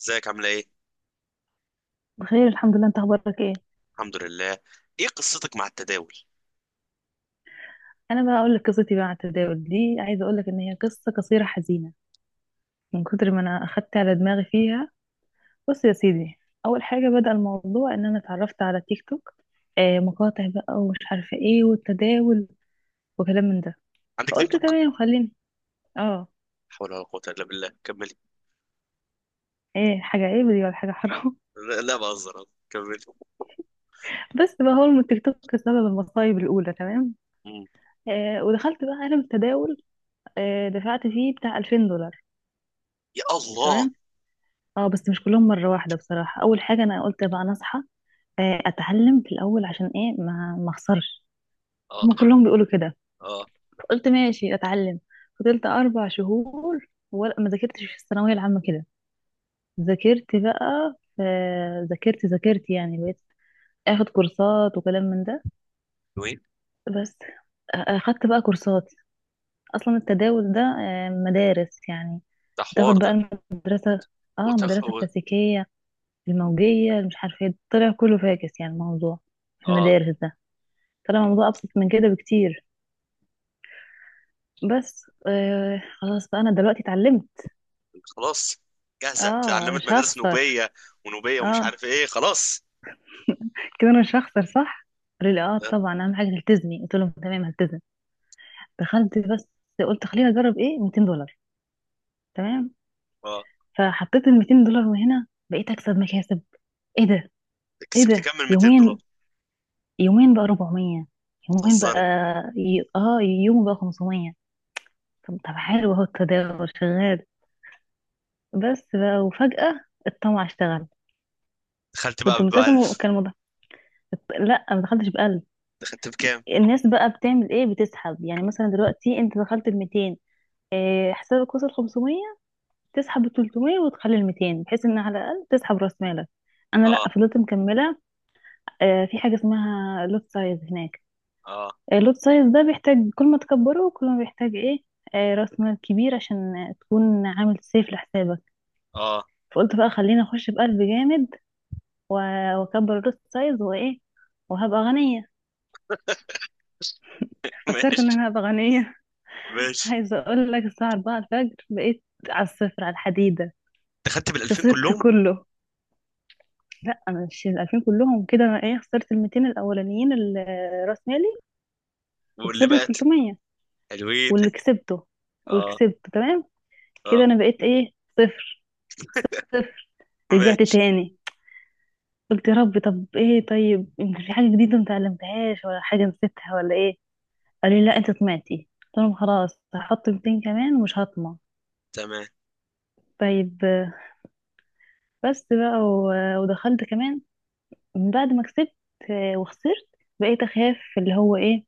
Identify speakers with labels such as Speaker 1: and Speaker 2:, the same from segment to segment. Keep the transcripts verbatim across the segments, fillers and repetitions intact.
Speaker 1: ازيك؟ عامله ايه؟
Speaker 2: بخير، الحمد لله. انت اخبارك ايه؟
Speaker 1: الحمد لله. ايه قصتك مع التداول؟
Speaker 2: انا بقى اقول لك قصتي بقى على التداول دي. عايزه اقول لك ان هي قصه قصيره حزينه من كتر ما انا اخدت على دماغي فيها. بص يا سيدي، اول حاجه بدأ الموضوع ان انا اتعرفت على تيك توك. آه مقاطع بقى ومش عارفه ايه والتداول وكلام من ده.
Speaker 1: عندك تيك
Speaker 2: فقلت
Speaker 1: توك؟
Speaker 2: تمام خليني اه
Speaker 1: حول ولا قوه الا بالله، كملي.
Speaker 2: ايه، حاجه عيب دي ولا حاجه حرام؟
Speaker 1: لا, لا بهزر، كملي.
Speaker 2: بس بقى هو التيك توك سبب المصايب الاولى، تمام.
Speaker 1: مم.
Speaker 2: آه ودخلت بقى عالم التداول. آه دفعت فيه بتاع الفين دولار،
Speaker 1: يا الله.
Speaker 2: تمام. اه بس مش كلهم مرة واحدة. بصراحة أول حاجة أنا قلت بقى أنا أصحى، آه، أتعلم في الأول عشان إيه ما ما أخسرش.
Speaker 1: اه،
Speaker 2: هما كلهم بيقولوا كده.
Speaker 1: اه.
Speaker 2: قلت ماشي أتعلم. فضلت اربع شهور ولا ما ذاكرتش في الثانوية العامة كده. ذاكرت بقى في، ذاكرت ذاكرت يعني، بقيت أخد كورسات وكلام من ده.
Speaker 1: وين؟
Speaker 2: بس آه، أخدت بقى كورسات. أصلا التداول ده آه، مدارس يعني.
Speaker 1: ده
Speaker 2: بتاخد
Speaker 1: حوار
Speaker 2: بقى
Speaker 1: ده.
Speaker 2: المدرسة، اه
Speaker 1: وتخ
Speaker 2: مدرسة
Speaker 1: و-
Speaker 2: كلاسيكية، الموجية، مش عارفة ايه. طلع كله فاكس يعني الموضوع في
Speaker 1: اه،
Speaker 2: المدارس ده. طلع الموضوع أبسط من كده بكتير. بس آه خلاص بقى، أنا دلوقتي اتعلمت.
Speaker 1: خلاص. جاهزه
Speaker 2: اه
Speaker 1: اتعلمت
Speaker 2: مش
Speaker 1: مدارس
Speaker 2: هخسر،
Speaker 1: نوبيه ونوبيه ومش
Speaker 2: اه
Speaker 1: عارف ايه، خلاص.
Speaker 2: كده أنا مش هخسر، صح؟ قالوا لي اه،
Speaker 1: اه،
Speaker 2: طبعا أهم حاجة تلتزمي. قلت لهم تمام، هلتزم. دخلت بس، قلت خليني أجرب ايه ميتين دولار، تمام.
Speaker 1: آه.
Speaker 2: فحطيت ال ميتين دولار وهنا بقيت أكسب مكاسب. ايه ده، ايه
Speaker 1: كسبت
Speaker 2: ده،
Speaker 1: كام من ميتين دولار؟
Speaker 2: يومين. يومين بقى اربعمية، يومين بقى،
Speaker 1: بتهزري.
Speaker 2: ي... اه يوم بقى خمسمية. طب، طب، حلو، اهو التداول شغال. بس بقى، وفجأة الطمع اشتغل.
Speaker 1: دخلت
Speaker 2: كنت
Speaker 1: بقى ب
Speaker 2: ملتزمة
Speaker 1: ألف.
Speaker 2: وكان الموضوع، لا، ما دخلتش بقلب.
Speaker 1: دخلت بكام؟
Speaker 2: الناس بقى بتعمل ايه؟ بتسحب. يعني مثلا دلوقتي انت دخلت ال ميتين، إيه، حسابك وصل خمسمية، تسحب ال تلتمية وتخلي ال ميتين، بحيث ان على الاقل تسحب راس مالك. انا لا،
Speaker 1: اه،
Speaker 2: فضلت مكمله. آه، في حاجه اسمها لوت سايز هناك.
Speaker 1: اه،
Speaker 2: اللوت سايز ده بيحتاج، كل ما تكبره كل ما بيحتاج ايه، آه، راس مال كبير عشان تكون عامل سيف لحسابك.
Speaker 1: اه.
Speaker 2: فقلت بقى خليني اخش بقلب جامد و- واكبر الروست سايز وايه، وهبقى غنية. فكرت ان
Speaker 1: ماشي،
Speaker 2: انا هبقى غنية.
Speaker 1: ماشي.
Speaker 2: عايزة اقول لك الساعة اربعة الفجر بقيت على الصفر، على الحديدة.
Speaker 1: دخلت بال ألفين
Speaker 2: خسرت
Speaker 1: كلهم؟
Speaker 2: كله. لا، انا مش ال الفين كلهم كده، انا ايه، خسرت ال ميتين الاولانيين، ال- راس مالي،
Speaker 1: واللي
Speaker 2: وخسرت ال
Speaker 1: بقت
Speaker 2: تلتمية
Speaker 1: حلوين؟
Speaker 2: واللي كسبته، واللي
Speaker 1: اه،
Speaker 2: كسبته تمام.
Speaker 1: اه.
Speaker 2: كده انا بقيت ايه، صفر، صفر. رجعت
Speaker 1: ماشي.
Speaker 2: تاني، قلت يا رب، طب ايه طيب، يمكن في حاجة جديدة متعلمتهاش، ولا حاجة نسيتها، ولا ايه. قالوا لي لا، انت طمعتي. قلت لهم خلاص، هحط ميتين كمان ومش هطمع.
Speaker 1: تمام.
Speaker 2: طيب آه، بس بقى و- ودخلت كمان من بعد ما كسبت، آه، وخسرت. بقيت اخاف، اللي هو ايه،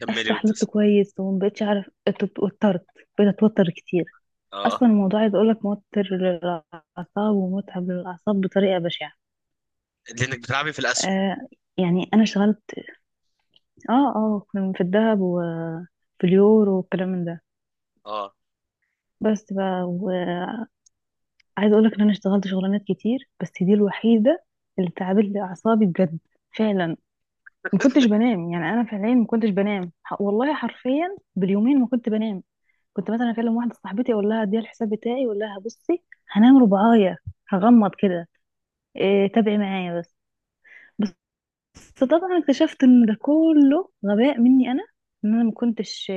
Speaker 1: كملي
Speaker 2: افتح لوت
Speaker 1: وتدس.
Speaker 2: كويس، ومبقتش اعرف ات- اتوترت. بقيت اتوتر كتير.
Speaker 1: اه.
Speaker 2: اصلا الموضوع، عايز اقولك، موتر للاعصاب ومتعب للاعصاب بطريقه بشعه.
Speaker 1: لانك بتلعبي في الاسهم.
Speaker 2: آه يعني انا اشتغلت، اه اه في الذهب وفي اليورو والكلام من ده.
Speaker 1: اه،
Speaker 2: بس بقى، عايزه اقول لك ان انا اشتغلت شغلانات كتير، بس دي الوحيده اللي تعبت لي اعصابي بجد، فعلا. ما كنتش بنام، يعني انا فعليا ما كنتش بنام. ح- والله حرفيا باليومين ما كنت بنام. كنت مثلا اكلم واحده صاحبتي، اقول لها اديها الحساب بتاعي، اقول لها بصي، هنام ربعايه، هغمض كده، إيه، تابعي معايا بس بس. طبعا اكتشفت ان ده كله غباء مني انا، ان انا ما كنتش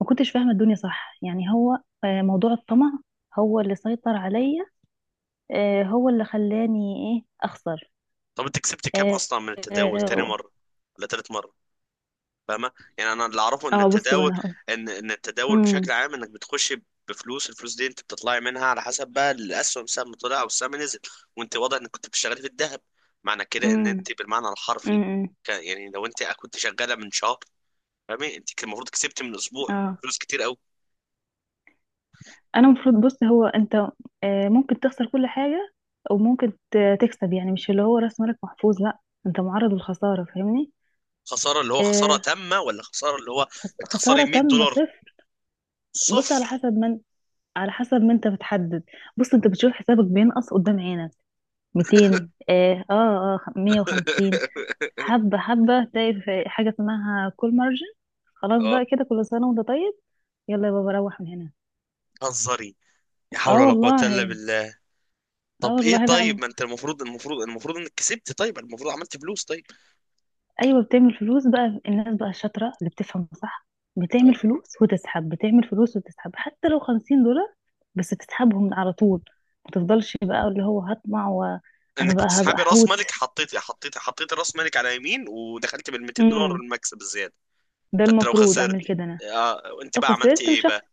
Speaker 2: ما كنتش فاهمه الدنيا صح. يعني هو آه، موضوع الطمع هو اللي سيطر عليا. آه، هو اللي خلاني ايه اخسر.
Speaker 1: طب انت كسبت كام
Speaker 2: اه
Speaker 1: اصلا من التداول؟ تاني
Speaker 2: آه،
Speaker 1: مره ولا تالت مره؟ فاهمه. يعني انا اللي اعرفه ان
Speaker 2: اه بص بقى،
Speaker 1: التداول،
Speaker 2: انا هقول.
Speaker 1: ان ان التداول بشكل
Speaker 2: امم
Speaker 1: عام انك بتخشي بفلوس. الفلوس دي انت بتطلعي منها على حسب بقى الاسهم، سهم طلع او السهم نزل. وانت واضح انك كنت بتشتغلي في الذهب. معنى كده ان
Speaker 2: امم
Speaker 1: انت بالمعنى الحرفي،
Speaker 2: امم
Speaker 1: ك- يعني لو انت كنت شغاله من شهر، فاهمه، انت كان المفروض كسبت من اسبوع
Speaker 2: اه
Speaker 1: فلوس كتير.
Speaker 2: انا المفروض، بص هو انت آه، ممكن تخسر كل حاجه، وممكن ت- تكسب. يعني مش اللي هو راس مالك محفوظ، لا. انت معرض للخساره، فاهمني؟
Speaker 1: خساره اللي هو خساره
Speaker 2: آه،
Speaker 1: تامه، ولا خساره اللي هو
Speaker 2: خس-
Speaker 1: انك تخسري
Speaker 2: خساره
Speaker 1: 100
Speaker 2: تامه،
Speaker 1: دولار
Speaker 2: صفر. بص، على
Speaker 1: صفر.
Speaker 2: حسب، من على حسب ما انت بتحدد. بص، انت بتشوف حسابك بينقص قدام عينك، ميتين، اه اه آه، ميه وخمسين. حبة حبة تلاقي في حاجة اسمها كول مارجن. خلاص
Speaker 1: اه،
Speaker 2: بقى، كده كل سنة وانت طيب، يلا يا بابا روح من هنا.
Speaker 1: هزري. لا حول
Speaker 2: اه
Speaker 1: ولا قوه الا
Speaker 2: والله،
Speaker 1: بالله.
Speaker 2: اه
Speaker 1: طب ايه،
Speaker 2: والله. لا
Speaker 1: طيب ما
Speaker 2: الله.
Speaker 1: انت المفروض المفروض المفروض انك كسبت، طيب المفروض عملت فلوس. طيب،
Speaker 2: ايوه، بتعمل فلوس بقى. الناس بقى الشاطرة اللي بتفهم صح بتعمل
Speaker 1: اه،
Speaker 2: فلوس وتسحب، بتعمل فلوس وتسحب، حتى لو خمسين دولار بس تسحبهم على طول. ما تفضلش بقى اللي هو هطمع وانا
Speaker 1: انك
Speaker 2: بقى هبقى
Speaker 1: بتسحبي راس
Speaker 2: حوت.
Speaker 1: مالك. حطيتي حطيتي حطيتي راس مالك على يمين، ودخلت بال مئتين دولار،
Speaker 2: امم
Speaker 1: المكسب، الزياده.
Speaker 2: ده
Speaker 1: فانت لو
Speaker 2: المفروض اعمل
Speaker 1: خسرت،
Speaker 2: كده انا.
Speaker 1: اه، انت
Speaker 2: لو
Speaker 1: بقى عملت
Speaker 2: خسرت
Speaker 1: ايه
Speaker 2: مش هخسر.
Speaker 1: بقى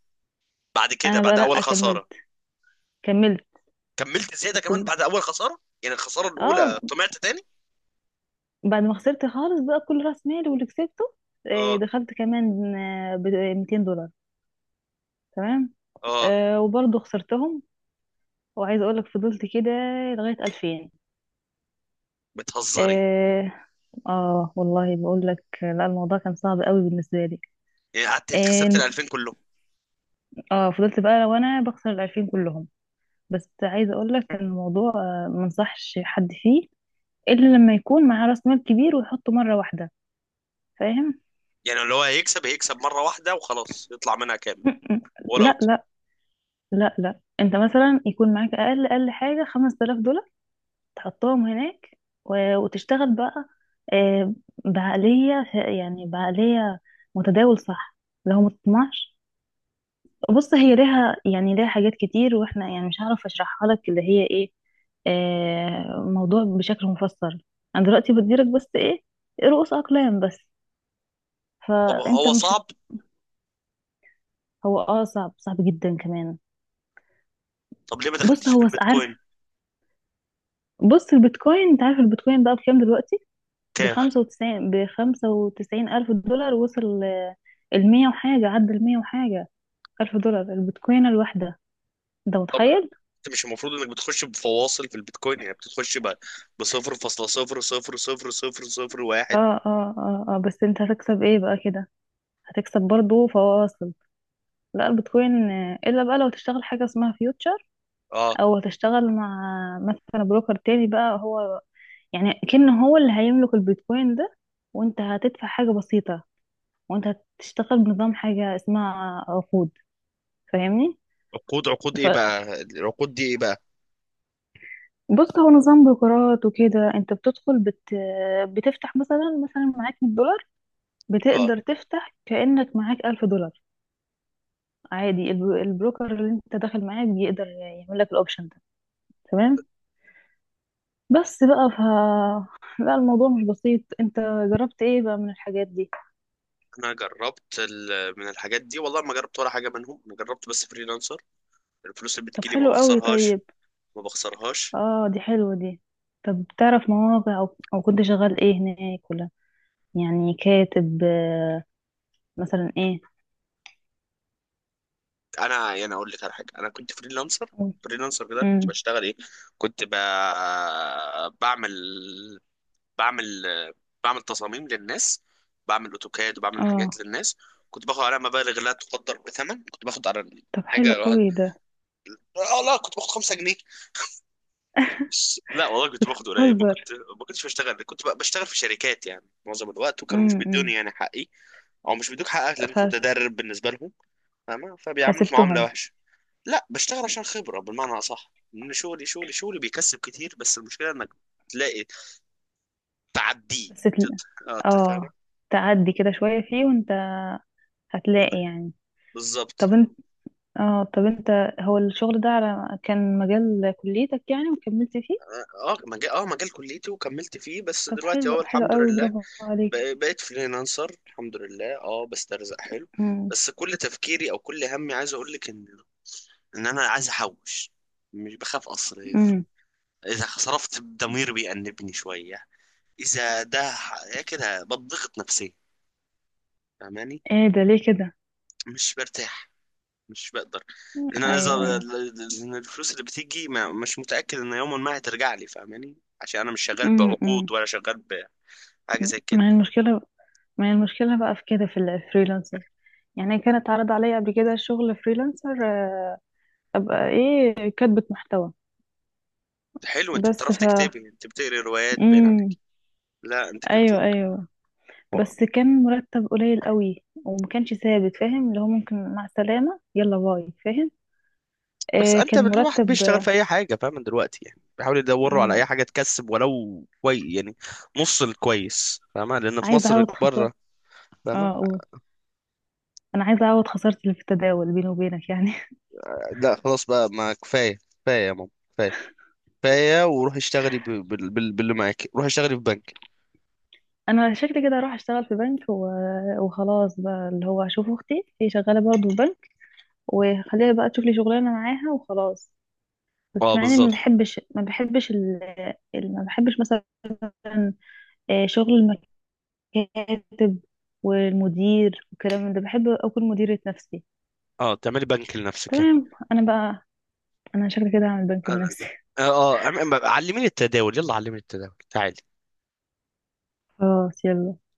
Speaker 1: بعد كده؟
Speaker 2: انا بقى
Speaker 1: بعد
Speaker 2: لا،
Speaker 1: اول خساره
Speaker 2: كملت كملت
Speaker 1: كملت زياده كمان؟ بعد اول خساره يعني، الخساره
Speaker 2: اه
Speaker 1: الاولى، طمعت تاني؟
Speaker 2: بعد ما خسرت خالص بقى كل راس مالي واللي كسبته، آه،
Speaker 1: اه،
Speaker 2: دخلت كمان آه، ب ميتين دولار، تمام.
Speaker 1: اه.
Speaker 2: آه، وبرضه خسرتهم. وعايزه اقول لك فضلت كده لغايه الفين.
Speaker 1: بتهزري؟
Speaker 2: اه آه، والله بقول لك لا، الموضوع كان صعب قوي بالنسبه لي.
Speaker 1: يعني قعدت خسرت ال
Speaker 2: اه
Speaker 1: ألفين كلهم؟
Speaker 2: آه، فضلت بقى وانا بخسر ال الفين كلهم. بس عايزه اقول لك ان الموضوع، آه، ما انصحش حد فيه الا لما يكون معاه راس مال كبير ويحطه مره واحده، فاهم؟
Speaker 1: يعني اللي هو هيكسب هيكسب مره واحده وخلاص، يطلع منها كامل ولا
Speaker 2: لا،
Speaker 1: اوت؟
Speaker 2: لا، لا، لا. انت مثلا يكون معاك اقل اقل حاجه خمس تلاف دولار، تحطهم هناك و- وتشتغل بقى آه، بعقليه، ف- يعني بعقليه متداول صح، لو ما تطمعش. بص، هي ليها، يعني ليها حاجات كتير، واحنا يعني مش هعرف اشرحها لك، اللي هي ايه، آه، موضوع بشكل مفصل. انا دلوقتي بديلك بس ايه، رؤوس اقلام بس.
Speaker 1: طب
Speaker 2: فانت
Speaker 1: هو
Speaker 2: مش هت...
Speaker 1: صعب؟
Speaker 2: هو اه صعب، صعب جدا كمان.
Speaker 1: طب ليه ما
Speaker 2: بص،
Speaker 1: دخلتش في
Speaker 2: هو س- عارف،
Speaker 1: البيتكوين؟
Speaker 2: بص البيتكوين، انت عارف البيتكوين بقى بكام دلوقتي؟
Speaker 1: كام؟
Speaker 2: بخمسة وتسعين بخمسة وتسعين الف دولار وصل. آه، المية وحاجة، عدى المية وحاجة ألف دولار البيتكوين الواحدة. أنت
Speaker 1: طب
Speaker 2: متخيل؟
Speaker 1: انت مش المفروض انك بتخش بفواصل في البيتكوين؟ يعني بتخش ب ب نقطة صفر صفر صفر صفر صفر صفر واحد.
Speaker 2: اه، اه، اه، اه. بس انت هتكسب ايه بقى كده؟ هتكسب برضو فواصل. لا، البيتكوين آه، الا بقى لو تشتغل حاجة اسمها فيوتشر،
Speaker 1: اه.
Speaker 2: او هتشتغل مع مثلا بروكر تاني بقى. هو يعني كأنه هو اللي هيملك البيتكوين ده، وانت هتدفع حاجة بسيطة، وانت هتشتغل بنظام حاجة اسمها عقود، فاهمني؟
Speaker 1: عقود، عقود ايه بقى؟ العقود دي ايه بقى؟
Speaker 2: بص، هو نظام بروكرات وكده. انت بتدخل بت... بتفتح مثلا، مثلا معاك مية دولار،
Speaker 1: اه،
Speaker 2: بتقدر تفتح كأنك معاك الف دولار عادي. الب- البروكر اللي انت داخل معاه بيقدر يعمل لك الاوبشن ده، تمام. بس بقى ف لا، الموضوع مش بسيط. انت جربت ايه بقى من الحاجات دي؟
Speaker 1: انا جربت ال- من الحاجات دي، والله ما جربت ولا حاجه منهم. انا جربت بس فريلانسر. الفلوس اللي
Speaker 2: طب
Speaker 1: بتجيلي ما
Speaker 2: حلو قوي،
Speaker 1: بخسرهاش،
Speaker 2: طيب.
Speaker 1: ما بخسرهاش.
Speaker 2: اه، دي حلوة دي. طب تعرف مواقع، او, أو كنت شغال ايه هناك ولا، يعني كاتب آه، مثلا ايه،
Speaker 1: انا يعني اقول لك على حاجه، انا كنت فريلانسر.
Speaker 2: قول.
Speaker 1: فريلانسر ده كنت
Speaker 2: امم
Speaker 1: بشتغل ايه؟ كنت ب... بعمل بعمل بعمل تصاميم للناس، بعمل اوتوكاد، وبعمل حاجات
Speaker 2: اه
Speaker 1: للناس. كنت باخد عليها مبالغ لا تقدر بثمن. كنت باخد على
Speaker 2: طب حلو
Speaker 1: حاجه واحد-
Speaker 2: قوي ده.
Speaker 1: اه، لا، كنت باخد خمسة جنيه. بس لا والله كنت باخد قليل. ما
Speaker 2: بتهزر.
Speaker 1: كنت ما كنتش بشتغل. كنت ب- بشتغل في شركات يعني معظم الوقت، وكانوا مش بيدوني
Speaker 2: امم
Speaker 1: يعني حقي. او مش بيدوك حقك
Speaker 2: ف...
Speaker 1: لانك متدرب بالنسبه لهم، فاهمه؟ فبيعاملوك معامله
Speaker 2: فسبتهم.
Speaker 1: وحشه. لا، بشتغل عشان خبرة بالمعنى أصح، إن شغلي، شغلي شغلي بيكسب كتير. بس المشكلة إنك تلاقي، تعديه،
Speaker 2: بس تل...
Speaker 1: تت- اه تفهم.
Speaker 2: اه، تعدي كده شوية فيه، وانت هتلاقي يعني.
Speaker 1: بالظبط.
Speaker 2: طب انت، اه طب انت هو الشغل ده على كان مجال كليتك يعني، وكملت فيه؟
Speaker 1: اه، آه، مجال اه مجال كليتي وكملت فيه. بس
Speaker 2: طب
Speaker 1: دلوقتي
Speaker 2: حلو،
Speaker 1: اهو
Speaker 2: حلو
Speaker 1: الحمد
Speaker 2: قوي،
Speaker 1: لله.
Speaker 2: برافو عليك.
Speaker 1: بق- بقيت فريلانسر، الحمد لله. اه، بسترزق حلو.
Speaker 2: امم
Speaker 1: بس كل تفكيري او كل همي عايز اقول لك ان، ان انا عايز احوش. مش بخاف اصرف،
Speaker 2: امم
Speaker 1: اذا صرفت ضمير بيأنبني شوية. اذا ده، ح- كده بضغط نفسيا، فاهماني؟
Speaker 2: ايه ده، ليه كده؟
Speaker 1: مش برتاح، مش بقدر. لان انا
Speaker 2: ايوه،
Speaker 1: اذا.
Speaker 2: ايوه.
Speaker 1: لان الفلوس اللي بتيجي، ما مش متاكد ان يوما ما هترجع لي، فاهماني؟ عشان انا مش شغال
Speaker 2: امم امم
Speaker 1: بعقود، ولا شغال بحاجه زي كده.
Speaker 2: ما هي المشكلة، ما هي المشكلة بقى في كده، في الفريلانسر؟ يعني كانت اتعرض عليا قبل كده شغل فريلانسر، آه، ابقى ايه، كاتبة محتوى،
Speaker 1: حلو، انت
Speaker 2: بس.
Speaker 1: بتعرف تكتبي، انت بتقري روايات باين
Speaker 2: امم
Speaker 1: عليك. لا انت كنت.
Speaker 2: ايوه، ايوه.
Speaker 1: لا.
Speaker 2: بس كان مرتب قليل قوي وما كانش ثابت، فاهم؟ اللي هو ممكن مع السلامة يلا باي، فاهم؟
Speaker 1: بس
Speaker 2: آه
Speaker 1: انت،
Speaker 2: كان
Speaker 1: الواحد
Speaker 2: مرتب،
Speaker 1: بيشتغل
Speaker 2: آه،
Speaker 1: في اي حاجه، فاهم دلوقتي؟ يعني بيحاول يدوروا على
Speaker 2: مم،
Speaker 1: اي حاجه تكسب ولو كويس، يعني نص الكويس، فاهمه؟ لان في
Speaker 2: عايزة
Speaker 1: مصر
Speaker 2: اعوض خسارة.
Speaker 1: بره.
Speaker 2: اه
Speaker 1: فاهمه.
Speaker 2: اقول، انا عايزة اعوض خسارتي اللي في التداول، بيني وبينك يعني.
Speaker 1: لا خلاص بقى، ما كفايه، كفايه يا ماما، كفايه، كفايه. وروحي اشتغلي ب- بال- بال- باللي معاكي، روحي اشتغلي في بنك.
Speaker 2: انا شكلي كده اروح اشتغل في بنك و... وخلاص بقى، اللي هو اشوف اختي، هي شغالة برضه في بنك، وخليها بقى تشوف لي شغلانة معاها، وخلاص. بس
Speaker 1: اه،
Speaker 2: مع اني ما
Speaker 1: بالظبط.
Speaker 2: بحبش ما بحبش ال... ال- ما بحبش مثلا آه، شغل كاتب والمدير والكلام من ده. بحب اكون مديرة نفسي.
Speaker 1: اه، تعملي بنك لنفسك يعني.
Speaker 2: تمام. انا بقى انا شكلي كده هعمل بنك
Speaker 1: انا،
Speaker 2: لنفسي.
Speaker 1: اه آه، عم- عم- علميني التداول، يلا علميني التداول، تعالي.
Speaker 2: خلاص، يلا.